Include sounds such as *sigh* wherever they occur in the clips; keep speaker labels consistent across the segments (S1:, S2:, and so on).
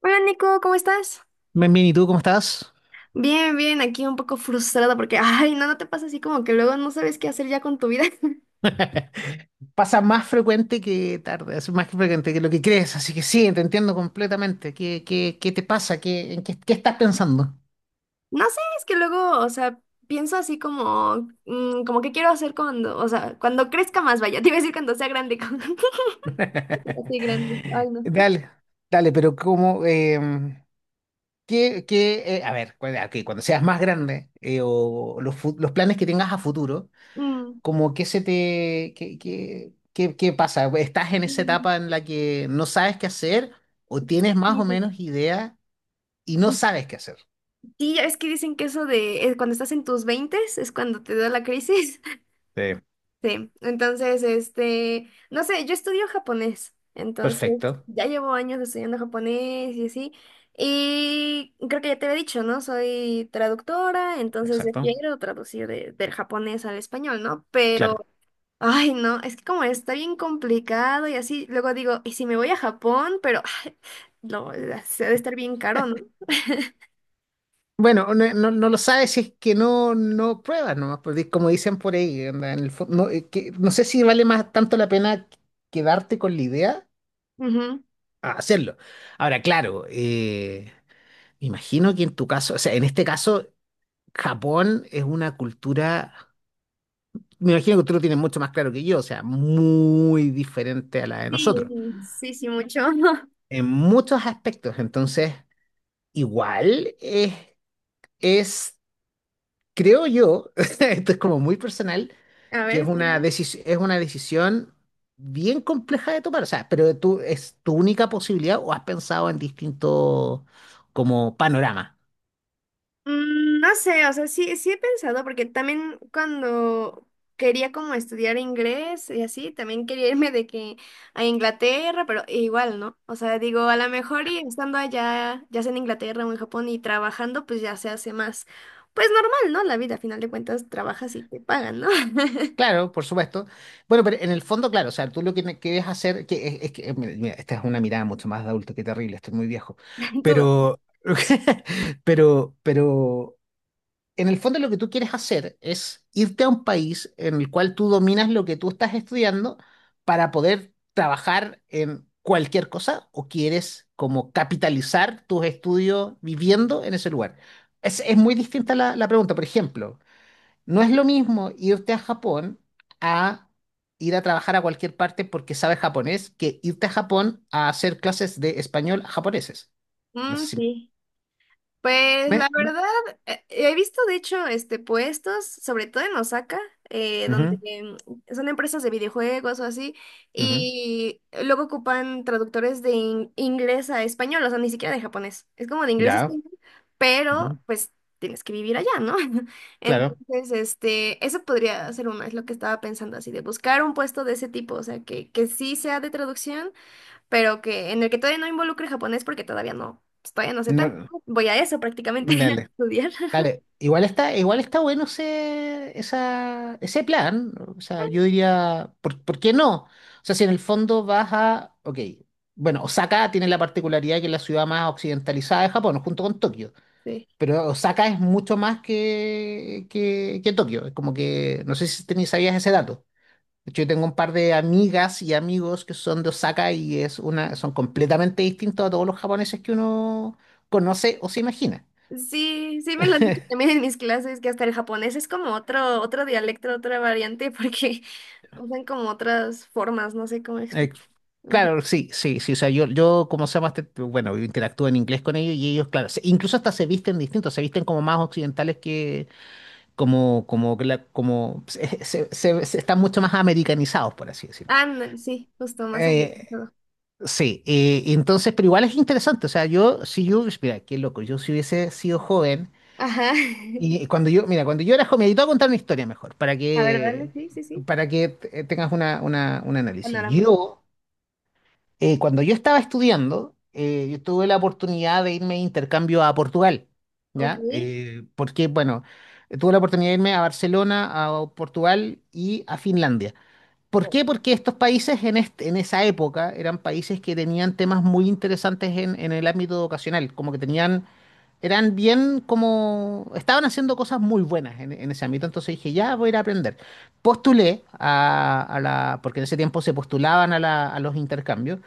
S1: Hola Nico, ¿cómo estás?
S2: Bien, bien, ¿y tú cómo estás?
S1: Bien, bien, aquí un poco frustrada porque, ay, no, no te pasa así como que luego no sabes qué hacer ya con tu vida. *laughs*
S2: *laughs* Pasa más frecuente que tarde, es más frecuente que lo que crees, así que sí, te entiendo completamente. ¿Qué te pasa? ¿En qué estás pensando?
S1: No sé, es que luego, o sea, pienso así como, como que quiero hacer cuando, o sea, cuando crezca más, vaya, *laughs* te iba a decir cuando sea grande, *laughs* así
S2: *laughs*
S1: grande, ay, no.
S2: Dale, dale, pero como, a ver, ok, cuando seas más grande o los, los planes que tengas a futuro.
S1: Mm.
S2: ¿Cómo qué se te, qué pasa? ¿Estás en esa
S1: Mm.
S2: etapa en la que no sabes qué hacer o tienes más o
S1: Sí.
S2: menos idea y no sabes qué hacer?
S1: Sí, ya ves que dicen que eso de cuando estás en tus veintes es cuando te da la crisis.
S2: Sí,
S1: Sí, entonces, este, no sé, yo estudio japonés, entonces
S2: perfecto,
S1: ya llevo años estudiando japonés y así, y creo que ya te había dicho, ¿no? Soy traductora, entonces yo
S2: exacto,
S1: quiero traducir del japonés al español, ¿no?
S2: claro.
S1: Pero, ay, no, es que como está bien complicado y así, luego digo, ¿y si me voy a Japón? Pero, ay, no, se ha de estar bien caro, ¿no?
S2: Bueno, no lo sabes si es que no pruebas nomás, porque como dicen por ahí, onda, en el fo- no, que, no sé si vale más tanto la pena quedarte con la idea
S1: Ujú.
S2: a hacerlo. Ahora, claro, me imagino que en tu caso, o sea, en este caso, Japón es una cultura, me imagino que tú lo tienes mucho más claro que yo, o sea, muy diferente a la de
S1: Sí,
S2: nosotros,
S1: sí, sí, mucho. *laughs*
S2: en muchos aspectos, entonces, igual es, creo yo, *laughs* esto es como muy personal,
S1: A
S2: que
S1: ver,
S2: es
S1: sí,
S2: una
S1: dale.
S2: decisión, bien compleja de tomar, o sea, pero tú, ¿es tu única posibilidad o has pensado en distintos como panorama?
S1: No sé, o sea, sí, sí he pensado, porque también cuando quería como estudiar inglés y así, también quería irme de que a Inglaterra, pero igual, ¿no? O sea, digo, a lo mejor y estando allá, ya sea en Inglaterra o en Japón y trabajando, pues ya se hace más, pues normal, ¿no? La vida, a final de cuentas, trabajas y te pagan, ¿no? *laughs*
S2: Claro, por supuesto. Bueno, pero en el fondo, claro, o sea, tú lo que quieres hacer, que es que, mira, esta es una mirada mucho más de adulto, qué terrible, estoy muy viejo,
S1: Tú-
S2: pero, *laughs* pero, en el fondo lo que tú quieres hacer es irte a un país en el cual tú dominas lo que tú estás estudiando para poder trabajar en cualquier cosa, o quieres como capitalizar tus estudios viviendo en ese lugar. Es muy distinta la pregunta. Por ejemplo, no es lo mismo irte a Japón a ir a trabajar a cualquier parte porque sabes japonés, que irte a Japón a hacer clases de español a japoneses. No
S1: Mm,
S2: sé si
S1: sí. Pues
S2: me...
S1: la
S2: me-
S1: verdad, he visto de hecho puestos, sobre todo en Osaka, donde
S2: Ujú,
S1: son empresas de videojuegos o así,
S2: ujú.
S1: y luego ocupan traductores de inglés a español, o sea, ni siquiera de japonés. Es como de inglés a
S2: Ya.
S1: español, pero
S2: Ujú.
S1: pues tienes que vivir allá, ¿no? *laughs*
S2: Claro.
S1: Entonces, este, eso podría ser uno, es lo que estaba pensando así, de buscar un puesto de ese tipo, o sea, que sí sea de traducción pero que en el que todavía no involucre japonés porque todavía no, pues, todavía no sé tanto,
S2: No,
S1: ¿no? Voy a eso prácticamente *laughs* a
S2: dale.
S1: estudiar.
S2: Dale, igual está, bueno ese plan. O sea, yo diría, ¿por qué no? O sea, si en el fondo vas a, ok, bueno, Osaka tiene la particularidad que es la ciudad más occidentalizada de Japón, junto con Tokio.
S1: Sí.
S2: Pero Osaka es mucho más que Tokio. Es como que, no sé si sabías ese dato. De hecho, yo tengo un par de amigas y amigos que son de Osaka y son completamente distintos a todos los japoneses que uno conoce o se imagina.
S1: Sí, sí me lo han dicho también en mis clases que hasta el japonés es como otro dialecto, otra variante porque *laughs* usan como otras formas, no sé cómo
S2: Ex-
S1: explicar. Ujú.
S2: claro, sí, sí, sí. O sea, yo como se llama, este, bueno, interactúo en inglés con ellos, y ellos, claro, incluso hasta se visten distintos, se visten como más occidentales, que como, que la- como se- se- se están mucho más americanizados, por así decirlo.
S1: Ah, no, sí, justo más
S2: Eh,
S1: amplificado.
S2: sí, entonces, pero igual es interesante. O sea, yo, si yo, mira, qué loco, yo si hubiese sido joven,
S1: Ajá. *laughs*
S2: y mira, cuando yo era joven, y te voy a contar una historia mejor, para
S1: A ver, dale,
S2: que,
S1: sí, sí, sí.
S2: para que tengas una, un análisis.
S1: Panorama.
S2: Yo. Cuando yo estaba estudiando, yo tuve la oportunidad de irme de intercambio a Portugal,
S1: Ok.
S2: ¿ya? Porque, bueno, tuve la oportunidad de irme a Barcelona, a Portugal y a Finlandia. ¿Por
S1: Oh.
S2: qué? Porque estos países en esa época eran países que tenían temas muy interesantes en, el ámbito educacional, como que tenían, eran bien como. Estaban haciendo cosas muy buenas en, ese ámbito, entonces dije, ya voy a ir a aprender. Postulé a la, porque en ese tiempo se postulaban a los intercambios,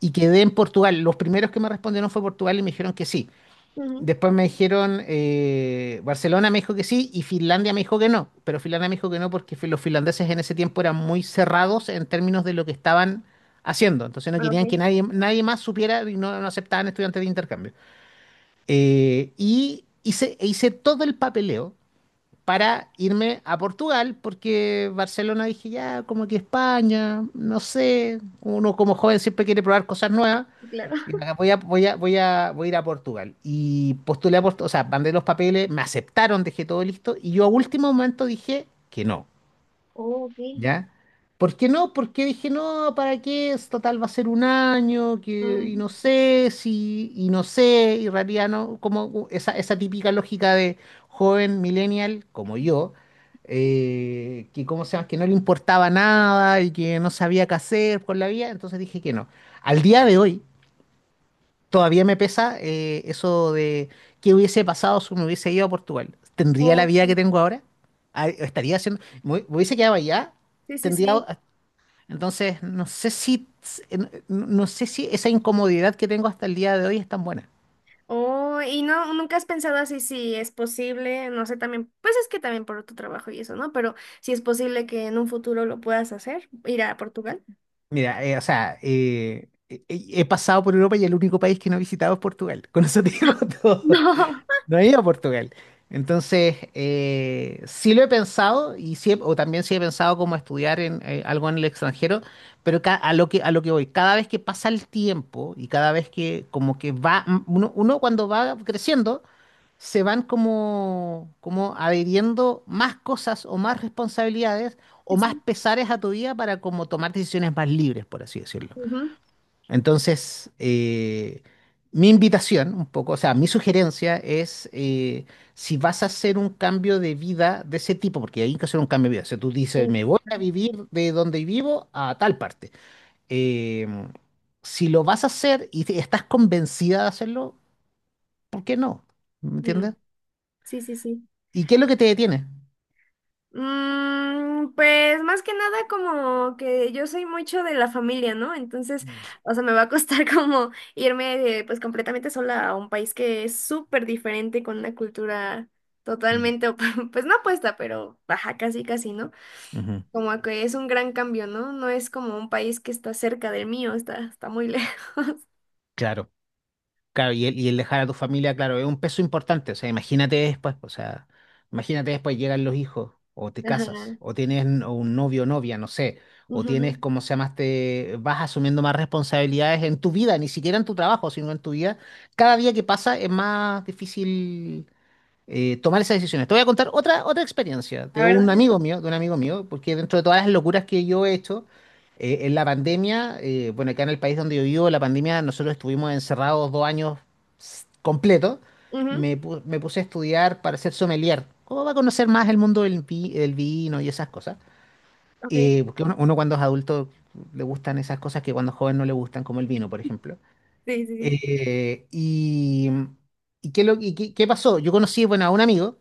S2: y quedé en Portugal. Los primeros que me respondieron fue Portugal, y me dijeron que sí.
S1: Ujú.
S2: Después me dijeron, Barcelona me dijo que sí y Finlandia me dijo que no, pero Finlandia me dijo que no porque los finlandeses en ese tiempo eran muy cerrados en términos de lo que estaban haciendo, entonces no
S1: Ah. Ok.
S2: querían que nadie, nadie más supiera, y no aceptaban estudiantes de intercambio. E hice todo el papeleo para irme a Portugal, porque Barcelona dije, ya, como que España, no sé, uno como joven siempre quiere probar cosas nuevas.
S1: Sí, claro.
S2: Y acá
S1: *laughs*
S2: voy a ir a Portugal. Y postulé a Portugal, o sea, mandé los papeles, me aceptaron, dejé todo listo. Y yo a último momento dije que no.
S1: Oh, ok.
S2: ¿Ya? ¿Por qué no? Porque dije, no, ¿para qué? Es total, va a ser un año, que, y no
S1: Mm,
S2: sé, si, y no sé, y en realidad no, como esa típica lógica de joven millennial como yo, que, ¿cómo se llama?, que no le importaba nada y que no sabía qué hacer por la vida, entonces dije que no. Al día de hoy, todavía me pesa eso de qué hubiese pasado si me hubiese ido a Portugal. ¿Tendría la vida que
S1: ok.
S2: tengo ahora? Ah, ¿estaría haciendo, me hubiese quedado allá?
S1: Sí, sí,
S2: Tendría,
S1: sí.
S2: entonces, no sé si, no sé si esa incomodidad que tengo hasta el día de hoy es tan buena.
S1: Oh, y no, nunca has pensado así si es posible, no sé, también, pues es que también por tu trabajo y eso, ¿no? Pero si es posible que en un futuro lo puedas hacer, ir a Portugal. *laughs*
S2: Mira, o sea, he pasado por Europa y el único país que no he visitado es Portugal. *laughs* Con eso te digo *laughs* todo.
S1: No.
S2: No he ido a Portugal. Entonces, sí lo he pensado, y sí o también sí he pensado como estudiar en, algo en el extranjero, pero a lo que, voy, cada vez que pasa el tiempo, y cada vez que como que va, uno, cuando va creciendo, se van como, como adhiriendo más cosas, o más responsabilidades, o
S1: Sí,
S2: más
S1: sí.
S2: pesares a tu vida, para como tomar decisiones más libres, por así decirlo.
S1: Ujú.
S2: Entonces, mi invitación, un poco, o sea, mi sugerencia es, si vas a hacer un cambio de vida de ese tipo, porque hay que hacer un cambio de vida, o sea, tú dices,
S1: Sí.
S2: me voy a vivir de donde vivo a tal parte. Eh, si lo vas a hacer y estás convencida de hacerlo, ¿por qué no? ¿Me entiendes?
S1: Mm, sí, sí. Sí.
S2: ¿Y qué es lo que te detiene?
S1: Pues más que nada como que yo soy mucho de la familia, ¿no? Entonces,
S2: Mm.
S1: o sea, me va a costar *laughs* como irme de, pues completamente sola a un país que es súper diferente con una cultura
S2: Mm.
S1: totalmente, *laughs* pues no opuesta, pero baja casi, casi, ¿no?
S2: Ujú.
S1: Como que es un gran cambio, ¿no? No es como un país que está cerca del mío, está muy lejos. *laughs*
S2: Claro, claro, y el, dejar a tu familia, claro, es un peso importante. O sea, imagínate después, o sea, imagínate después llegan los hijos, o te casas,
S1: Ajá.
S2: o tienes un novio o novia, no sé, o tienes,
S1: Ujú.
S2: como se llama, este, vas asumiendo más responsabilidades en tu vida, ni siquiera en tu trabajo, sino en tu vida. Cada día que pasa es más difícil tomar esas decisiones. Te voy a contar otra experiencia
S1: A
S2: de
S1: ver,
S2: un
S1: dale.
S2: amigo mío, porque dentro de todas las locuras que yo he hecho, en la pandemia, bueno, acá en el país donde yo vivo, la pandemia, nosotros estuvimos encerrados dos años completos.
S1: Ujú.
S2: Me puse a estudiar para ser sommelier. ¿Cómo va a conocer más el mundo del vino y esas cosas?
S1: Ok.
S2: Porque uno, cuando es adulto, le gustan esas cosas que cuando es joven no le gustan, como el vino, por ejemplo.
S1: Sí, sí, sí.
S2: Eh, y, ¿Y qué, lo, y qué, qué pasó? Yo conocí, bueno, a un amigo,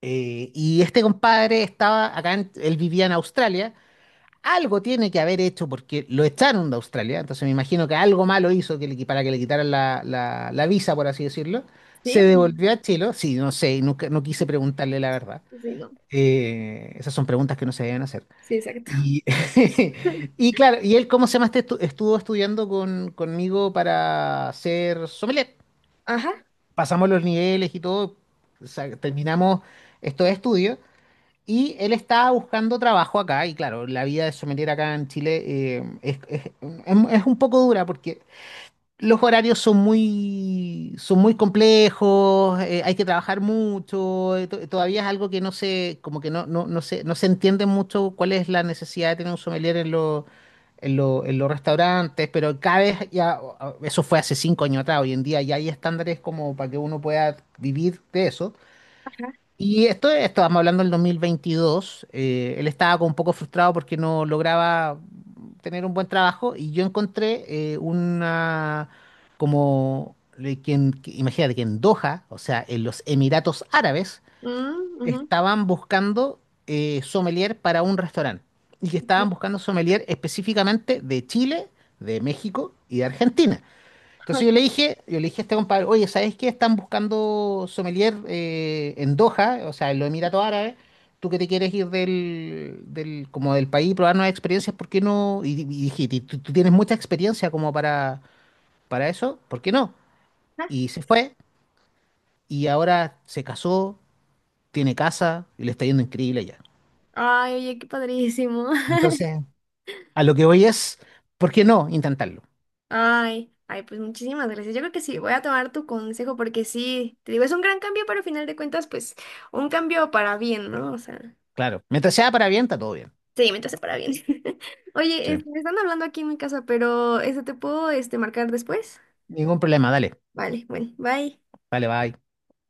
S2: y este compadre estaba acá, él vivía en Australia. Algo tiene que haber hecho porque lo echaron de Australia. Entonces me imagino que algo malo hizo para que le quitaran la visa, por así decirlo.
S1: Sí,
S2: Se devolvió a Chile. Sí, no sé, nunca, no quise preguntarle la verdad.
S1: pues, sí, no.
S2: Esas son preguntas que no se deben hacer.
S1: Sí, exacto.
S2: Y, *laughs* y claro, ¿y él cómo se llama?, este estuvo estudiando conmigo para ser sommelier.
S1: Ajá.
S2: Pasamos los niveles y todo, o sea, terminamos estos estudios. Y él estaba buscando trabajo acá, y claro, la vida de sommelier acá en Chile, eh, es, es- es un poco dura porque los horarios son muy, complejos, hay que trabajar mucho, todavía es algo que no se, como que no se entiende mucho cuál es la necesidad de tener un sommelier en los, en los restaurantes, pero cada vez ya, eso fue hace cinco años atrás, hoy en día ya hay estándares como para que uno pueda vivir de eso.
S1: Ajá.
S2: Y esto, estábamos hablando del 2022, él estaba como un poco frustrado porque no lograba tener un buen trabajo, y yo encontré una, como, le- que en- que- imagínate que en Doha, o sea, en los Emiratos Árabes,
S1: Mm, ujú,
S2: estaban buscando sommelier para un restaurante, y que estaban
S1: sí,
S2: buscando sommelier específicamente de Chile, de México y de Argentina.
S1: *laughs*
S2: Entonces yo le
S1: ok.
S2: dije, a este compadre, oye, ¿sabes qué? Están buscando sommelier en Doha, o sea, en los Emiratos Árabes. Tú que te quieres ir del país, probar nuevas experiencias, ¿por qué no? Y dije: "Tú tienes mucha experiencia como para, eso, ¿por qué no?"
S1: Ajá.
S2: Y se fue, y ahora se casó, tiene casa, y le está yendo increíble allá.
S1: Ay, oye, qué padrísimo. *laughs*
S2: Entonces, a lo que voy es, ¿por qué no intentarlo?
S1: Ay, ay, pues muchísimas gracias. Yo creo que sí, voy a tomar tu consejo porque sí, te digo, es un gran cambio, pero al final de cuentas, pues, un cambio para bien, ¿no? O sea.
S2: Claro, mientras sea para bien, está todo bien.
S1: Sí, mientras se para bien. *laughs* Oye,
S2: Sí.
S1: este, me están hablando aquí en mi casa, pero este, ¿te puedo este, marcar después?
S2: Ningún problema, dale,
S1: Vale, bueno, bye.
S2: dale, bye.